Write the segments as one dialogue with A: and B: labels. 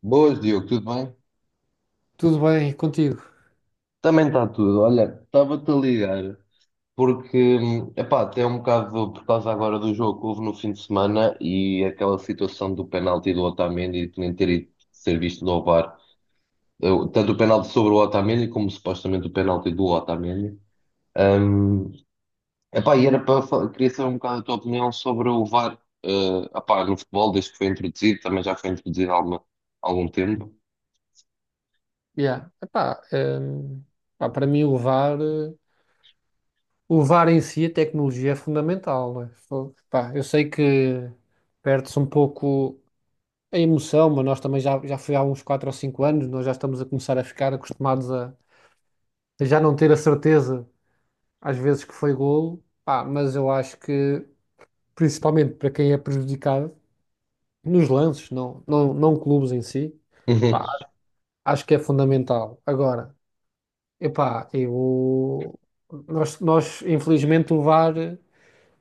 A: Boas, Diogo, tudo bem?
B: Tudo bem contigo?
A: Também está tudo. Olha, estava-te a ligar porque, epá, até é um bocado por causa agora do jogo que houve no fim de semana e aquela situação do penalti do Otamendi de nem ter ido ser visto no VAR, tanto o penalti sobre o Otamendi como supostamente o penalti do Otamendi. Hum, epá, e era para, queria saber um bocado a tua opinião sobre o VAR, epá, no futebol, desde que foi introduzido, também já foi introduzido algum tempo.
B: Yeah. Epá, para mim levar, levar em si a tecnologia é fundamental, não é? Pá, eu sei que perde-se um pouco a emoção, mas nós também já foi há uns 4 ou 5 anos, nós já estamos a começar a ficar acostumados a já não ter a certeza às vezes que foi golo, pá, mas eu acho que principalmente para quem é prejudicado nos lances, não clubes em si,
A: Uhum.
B: pá, acho que é fundamental. Agora, epá, eu... Nós, infelizmente, o VAR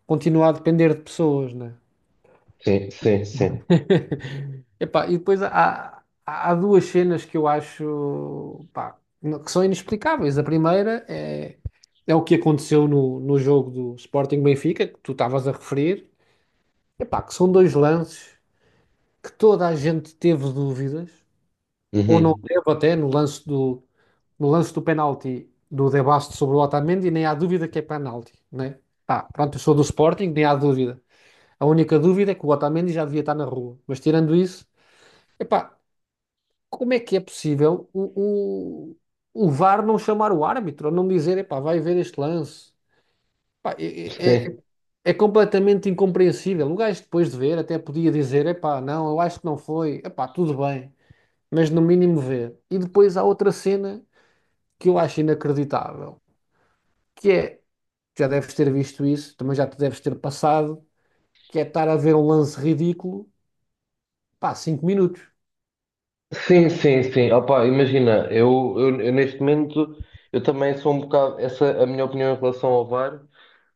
B: continua a depender de pessoas, né?
A: Sim, sim, sim.
B: Epá, e depois há duas cenas que eu acho, pá, que são inexplicáveis. A primeira é o que aconteceu no jogo do Sporting Benfica, que tu estavas a referir. Epá, que são dois lances que toda a gente teve dúvidas. Ou não
A: Uhum.
B: teve até no lance no lance do penalti do De Basto sobre o Otamendi, nem há dúvida que é penalti, né? Pá, pronto, eu sou do Sporting, nem há dúvida. A única dúvida é que o Otamendi já devia estar na rua. Mas tirando isso, epá, como é que é possível o VAR não chamar o árbitro, ou não dizer, epá, vai ver este lance? Pá, é,
A: Sim,
B: é- é- é completamente incompreensível. O gajo depois de ver até podia dizer, epá, não, eu acho que não foi, epá, tudo bem mas no mínimo ver. E depois há outra cena que eu acho inacreditável, que é, já deves ter visto isso, também já te deves ter passado, que é estar a ver um lance ridículo, pá, cinco minutos.
A: sim, sim, sim. Opa, imagina, eu neste momento eu também sou um bocado. Essa, a minha opinião em relação ao VAR,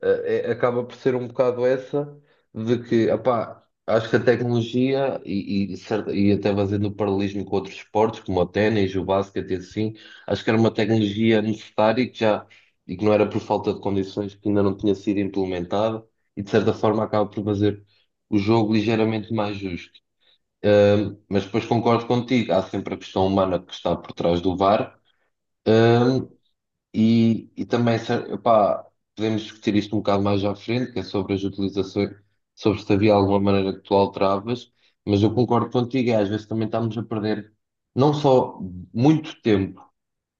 A: acaba por ser um bocado essa, de que, opá, acho que a tecnologia e até fazendo o paralelismo com outros esportes, como o ténis, o basquete e assim, acho que era uma tecnologia necessária e que já, e que não era por falta de condições que ainda não tinha sido implementada e de certa forma acaba por fazer o jogo ligeiramente mais justo. Mas depois concordo contigo, há sempre a questão humana que está por trás do VAR. Um, e também, epá, podemos discutir isto um bocado mais à frente, que é sobre as utilizações, sobre se havia alguma maneira que tu alteravas, mas eu concordo contigo, é, às vezes também estamos a perder não só muito tempo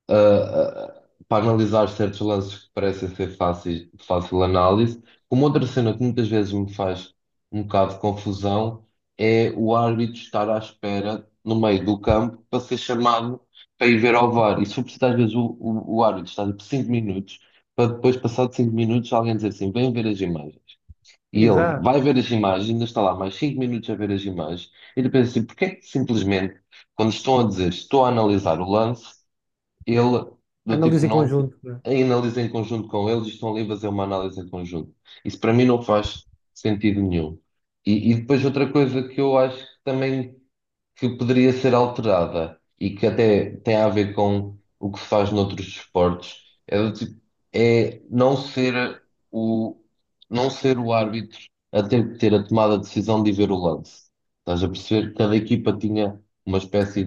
A: a- a- para analisar certos lances que parecem ser fáceis, de fácil análise. Uma outra cena que muitas vezes me faz um bocado de confusão é o árbitro estar à espera no meio do campo para ser chamado para ir ver ao VAR. E sobretudo às vezes o árbitro está por 5 minutos para depois, passado 5 minutos, alguém dizer assim, vem ver as imagens. E ele
B: Exato.
A: vai ver as imagens, ainda está lá mais 5 minutos a ver as imagens, e ele pensa assim, porque é que simplesmente, quando estão a dizer, estou a analisar o lance, ele, do tipo,
B: Analisa em
A: não
B: conjunto, né?
A: analisa em conjunto com eles e estão ali a fazer uma análise em conjunto. Isso para mim não faz sentido nenhum. E depois outra coisa que eu acho que também que poderia ser alterada e que até tem a ver com o que se faz noutros desportos é, do tipo, é não ser o, não ser o árbitro a ter que ter a tomada de decisão de ver o lance. Estás a perceber? Cada equipa tinha uma espécie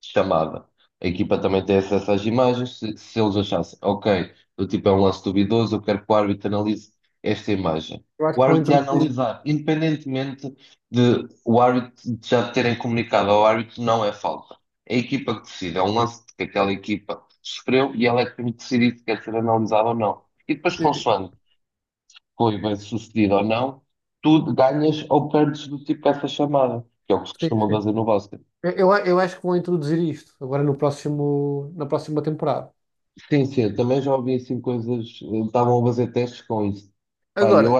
A: chamada. A equipa também tem acesso às imagens. Se eles achassem, ok, o tipo é um lance duvidoso, eu quero que o árbitro analise esta imagem.
B: Eu acho
A: O
B: que vão
A: árbitro ia
B: introduzir
A: analisar, independentemente de o árbitro de já terem comunicado ao árbitro, não é falta. É a equipa que decide, é um lance que aquela equipa sofreu e ela é que tem que decidir se quer ser analisado ou não. E depois,
B: isto.
A: consoante foi bem sucedido ou não, tu ganhas ou perdes do tipo essa chamada, que é o que se
B: Sim,
A: costuma
B: sim.
A: fazer no basquete.
B: Eu acho que vão introduzir isto agora no próximo, na próxima temporada.
A: Sim, sim, eu também já ouvi assim coisas. Estavam a fazer testes com isso. Pá,
B: Agora,
A: eu.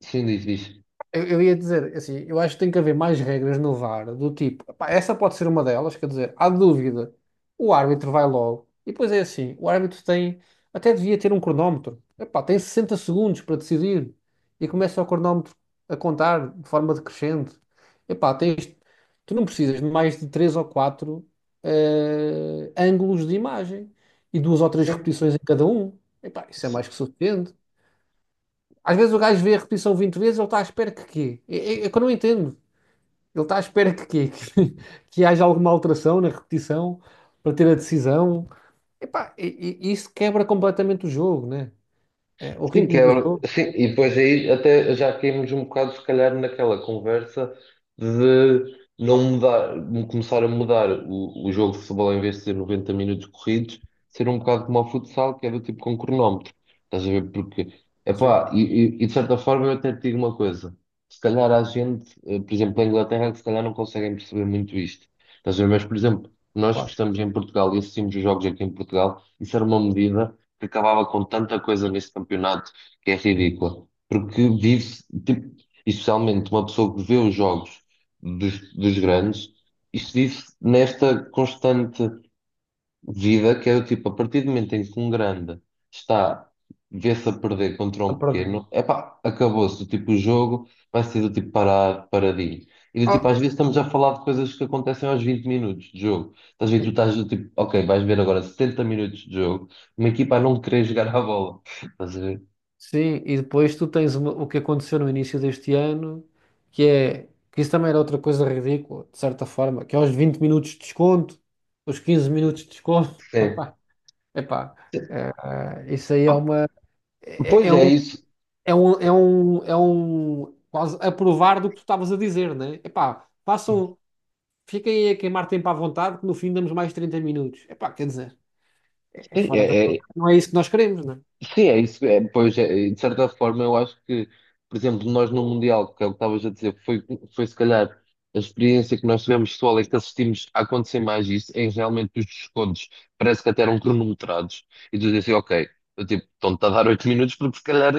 A: Sim, diz, diz.
B: eu ia dizer, assim, eu acho que tem que haver mais regras no VAR, do tipo, pá, essa pode ser uma delas, quer dizer, há dúvida, o árbitro vai logo. E depois é assim, o árbitro tem, até devia ter um cronómetro. Epá, tem 60 segundos para decidir e começa o cronómetro a contar de forma decrescente. Epá, tens, tu não precisas de mais de três ou quatro ângulos de imagem e duas ou três repetições em cada um. Epá, isso é
A: Sim.
B: mais que suficiente. Às vezes o gajo vê a repetição 20 vezes, ele está à espera que quê? É que eu não entendo. Ele está à espera que quê? Que, que haja alguma alteração na repetição para ter a decisão. Epá, isso quebra completamente o jogo, né? É, o ritmo do jogo.
A: Sim, e depois aí até já caímos um bocado, se calhar, naquela conversa de não mudar, de começar a mudar o jogo de futebol em vez de ser 90 minutos corridos, ser um bocado como o futsal, que é do tipo com cronómetro. Estás a ver? Porque,
B: Sim,
A: epá, e de certa forma eu até te digo uma coisa: se calhar há gente, por exemplo, na Inglaterra, que se calhar não conseguem perceber muito isto. Estás a ver? Mas, por exemplo, nós que
B: claro.
A: estamos em Portugal e assistimos os jogos aqui em Portugal, isso era uma medida que acabava com tanta coisa neste campeonato que é ridícula. Porque vive-se, tipo, especialmente uma pessoa que vê os jogos dos grandes, isto vive-se nesta constante vida que é do tipo, a partir do momento em que um grande está, vê-se a perder contra
B: A
A: um
B: perder.
A: pequeno, epá, acabou-se, do tipo, o jogo vai ser do tipo parado, paradinho. E do tipo,
B: Ah,
A: às vezes estamos a falar de coisas que acontecem aos 20 minutos de jogo. Estás a ver, tu
B: e-
A: estás do tipo, ok, vais ver agora 70 minutos de jogo, uma equipa a não querer jogar a bola. Estás a ver?
B: sim, e depois tu tens uma- o que aconteceu no início deste ano, que é que isso também era outra coisa ridícula, de certa forma, que é aos 20 minutos de desconto, os 15 minutos de desconto.
A: É.
B: Epá, é, isso aí é uma. É,
A: Pois
B: é
A: é
B: um,
A: isso.
B: É um, quase a provar do que tu estavas a dizer, né? Epá, passam, fiquem aí a queimar tempo à vontade, que no fim damos mais 30 minutos. Epá, quer dizer, é, é
A: Sim,
B: fora da.
A: é, é,
B: Não é isso que nós queremos, né?
A: sim, é isso. É, pois, é, e de certa forma, eu acho que, por exemplo, nós no Mundial, que é o que estavas a dizer, foi, foi se calhar a experiência que nós tivemos pessoal é que assistimos a acontecer mais isso, em realmente os descontos parece que até eram cronometrados. E tu dizes assim, ok, eu, tipo, estão-te a dar 8 minutos, porque se calhar.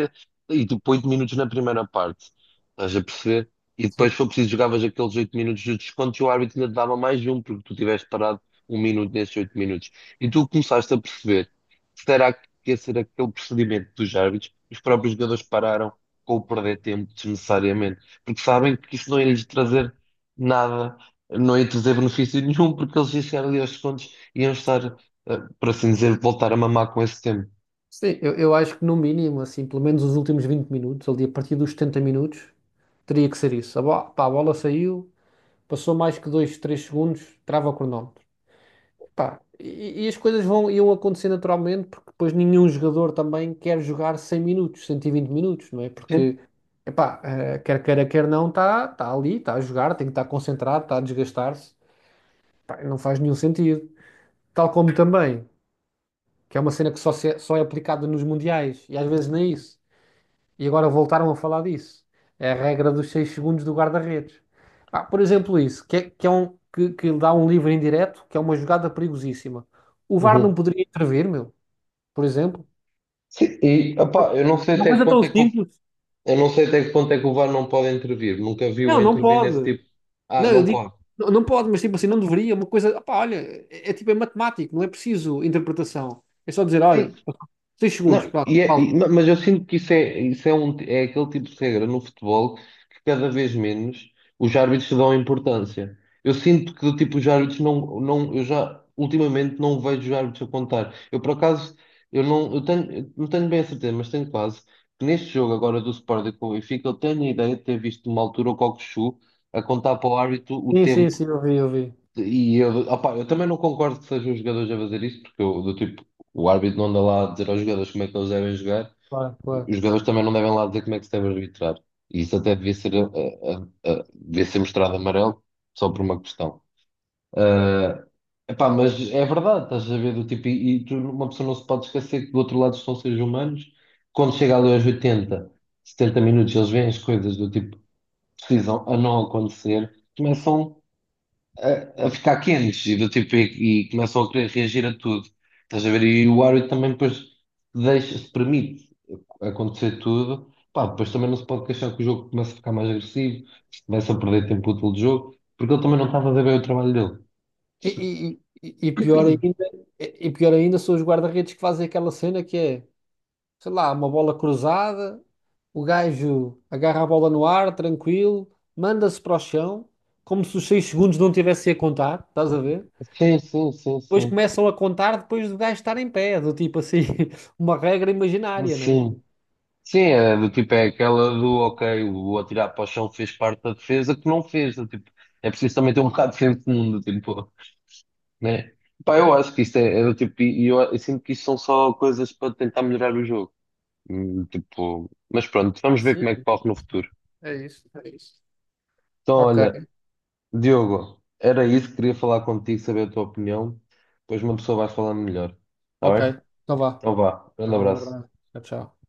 A: E tu põe 8 minutos na primeira parte, estás a perceber? E depois,
B: Sim.
A: se for preciso, jogavas aqueles 8 minutos de descontos e o árbitro ainda te dava mais um, porque tu tiveste parado 1 minuto nesses 8 minutos. E tu começaste a perceber. Será que ia ser aquele procedimento dos árbitros, os próprios jogadores pararam com o perder tempo desnecessariamente, porque sabem que isso não ia lhes trazer nada, não ia trazer benefício nenhum, porque eles iam chegar ali aos segundos e iam estar, por assim dizer, voltar a mamar com esse tempo.
B: Sim, eu acho que no mínimo, assim, pelo menos os últimos 20 minutos, ali a partir dos 70 minutos, teria que ser isso. A, bo- pá, a bola saiu, passou mais que 2 3 segundos, trava o cronómetro. Pá, e as coisas vão, iam acontecer naturalmente, porque depois nenhum jogador também quer jogar 100 minutos, 120 minutos, não é?
A: Sim.
B: Porque, epá, quer queira, quer não, está ali, está a jogar, tem que estar concentrado, está a desgastar-se. Pá, não faz nenhum sentido. Tal como também, que é uma cena que só, se é, só é aplicada nos mundiais, e às vezes nem isso. E agora voltaram a falar disso. É a regra dos 6 segundos do guarda-redes. Pá, por exemplo, isso, que dá um livre indireto, que é uma jogada perigosíssima. O VAR não
A: Uhum.
B: poderia intervir, meu, por exemplo.
A: Sim, e opá, eu não sei
B: Uma
A: até que
B: coisa
A: ponto
B: tão
A: é que o,
B: simples.
A: eu não sei até que ponto é que o VAR não pode intervir. Nunca vi o
B: Não, não
A: intervir nesse
B: pode.
A: tipo. Ah,
B: Não, eu
A: não
B: digo,
A: pode.
B: não, não pode, mas tipo assim, não deveria. Uma coisa, opá, olha, é, é tipo, é matemático, não é preciso interpretação. É só dizer,
A: Sim,
B: olha, 6 segundos,
A: não,
B: pronto, falta.
A: não, mas eu sinto que isso é, isso é é aquele tipo de regra no futebol que cada vez menos os árbitros dão importância. Eu sinto que tipo, os árbitros eu já ultimamente não vejo os árbitros a contar. Eu por acaso eu não tenho bem a certeza, mas tenho quase que neste jogo agora do Sporting com o Benfica, eu tenho a ideia de ter visto numa altura o Cockchu a contar para o árbitro o
B: Sim, sim,
A: tempo
B: sim, eu vi, eu vi.
A: e eu, opá, eu também não concordo que sejam os jogadores a fazer isso, porque eu, do tipo, o árbitro não anda lá a dizer aos jogadores como é que eles devem jogar,
B: Claro, claro.
A: os jogadores também não devem lá dizer como é que se deve arbitrar. E isso até devia ser, devia ser mostrado amarelo só por uma questão. ah Epá, mas é verdade, estás a ver do tipo, uma pessoa não se pode esquecer que do outro lado estão seres humanos, quando chega ali aos 80, 70 minutos, eles veem as coisas do tipo, precisam a não acontecer, começam a ficar quentes e do tipo e começam a querer reagir a tudo. Estás a ver? E o árbitro também depois deixa, se permite acontecer tudo. Pá, depois também não se pode queixar que o jogo começa a ficar mais agressivo, se começa a perder tempo útil de jogo, porque ele também não está a fazer bem o trabalho dele.
B: E, e- Pior ainda, pior ainda são os guarda-redes que fazem aquela cena que é, sei lá, uma bola cruzada, o gajo agarra a bola no ar, tranquilo, manda-se para o chão, como se os 6 segundos não tivessem a contar, estás a ver?
A: Sim, sim, sim,
B: Depois
A: sim.
B: começam a contar depois do gajo estar em pé, do tipo assim, uma regra imaginária, né?
A: Sim. Sim, é do tipo, é aquela do ok, o atirar para o chão fez parte da defesa que não fez. Do tipo, é preciso também ter um bocado de senso de mundo, tipo. Né? Pá, eu acho que isto é, é do tipo, e eu sinto que isto são só coisas para tentar melhorar o jogo. Tipo, mas pronto,
B: Ah,
A: vamos ver
B: sim,
A: como é que corre no futuro.
B: é isso, é isso.
A: Então,
B: Ok,
A: olha, Diogo, era isso, queria falar contigo, saber a tua opinião, depois uma pessoa vai falando melhor, está bem?
B: ok, então vá.
A: Então vá, grande
B: Vá, um
A: abraço.
B: abraço. Tchau, tchau.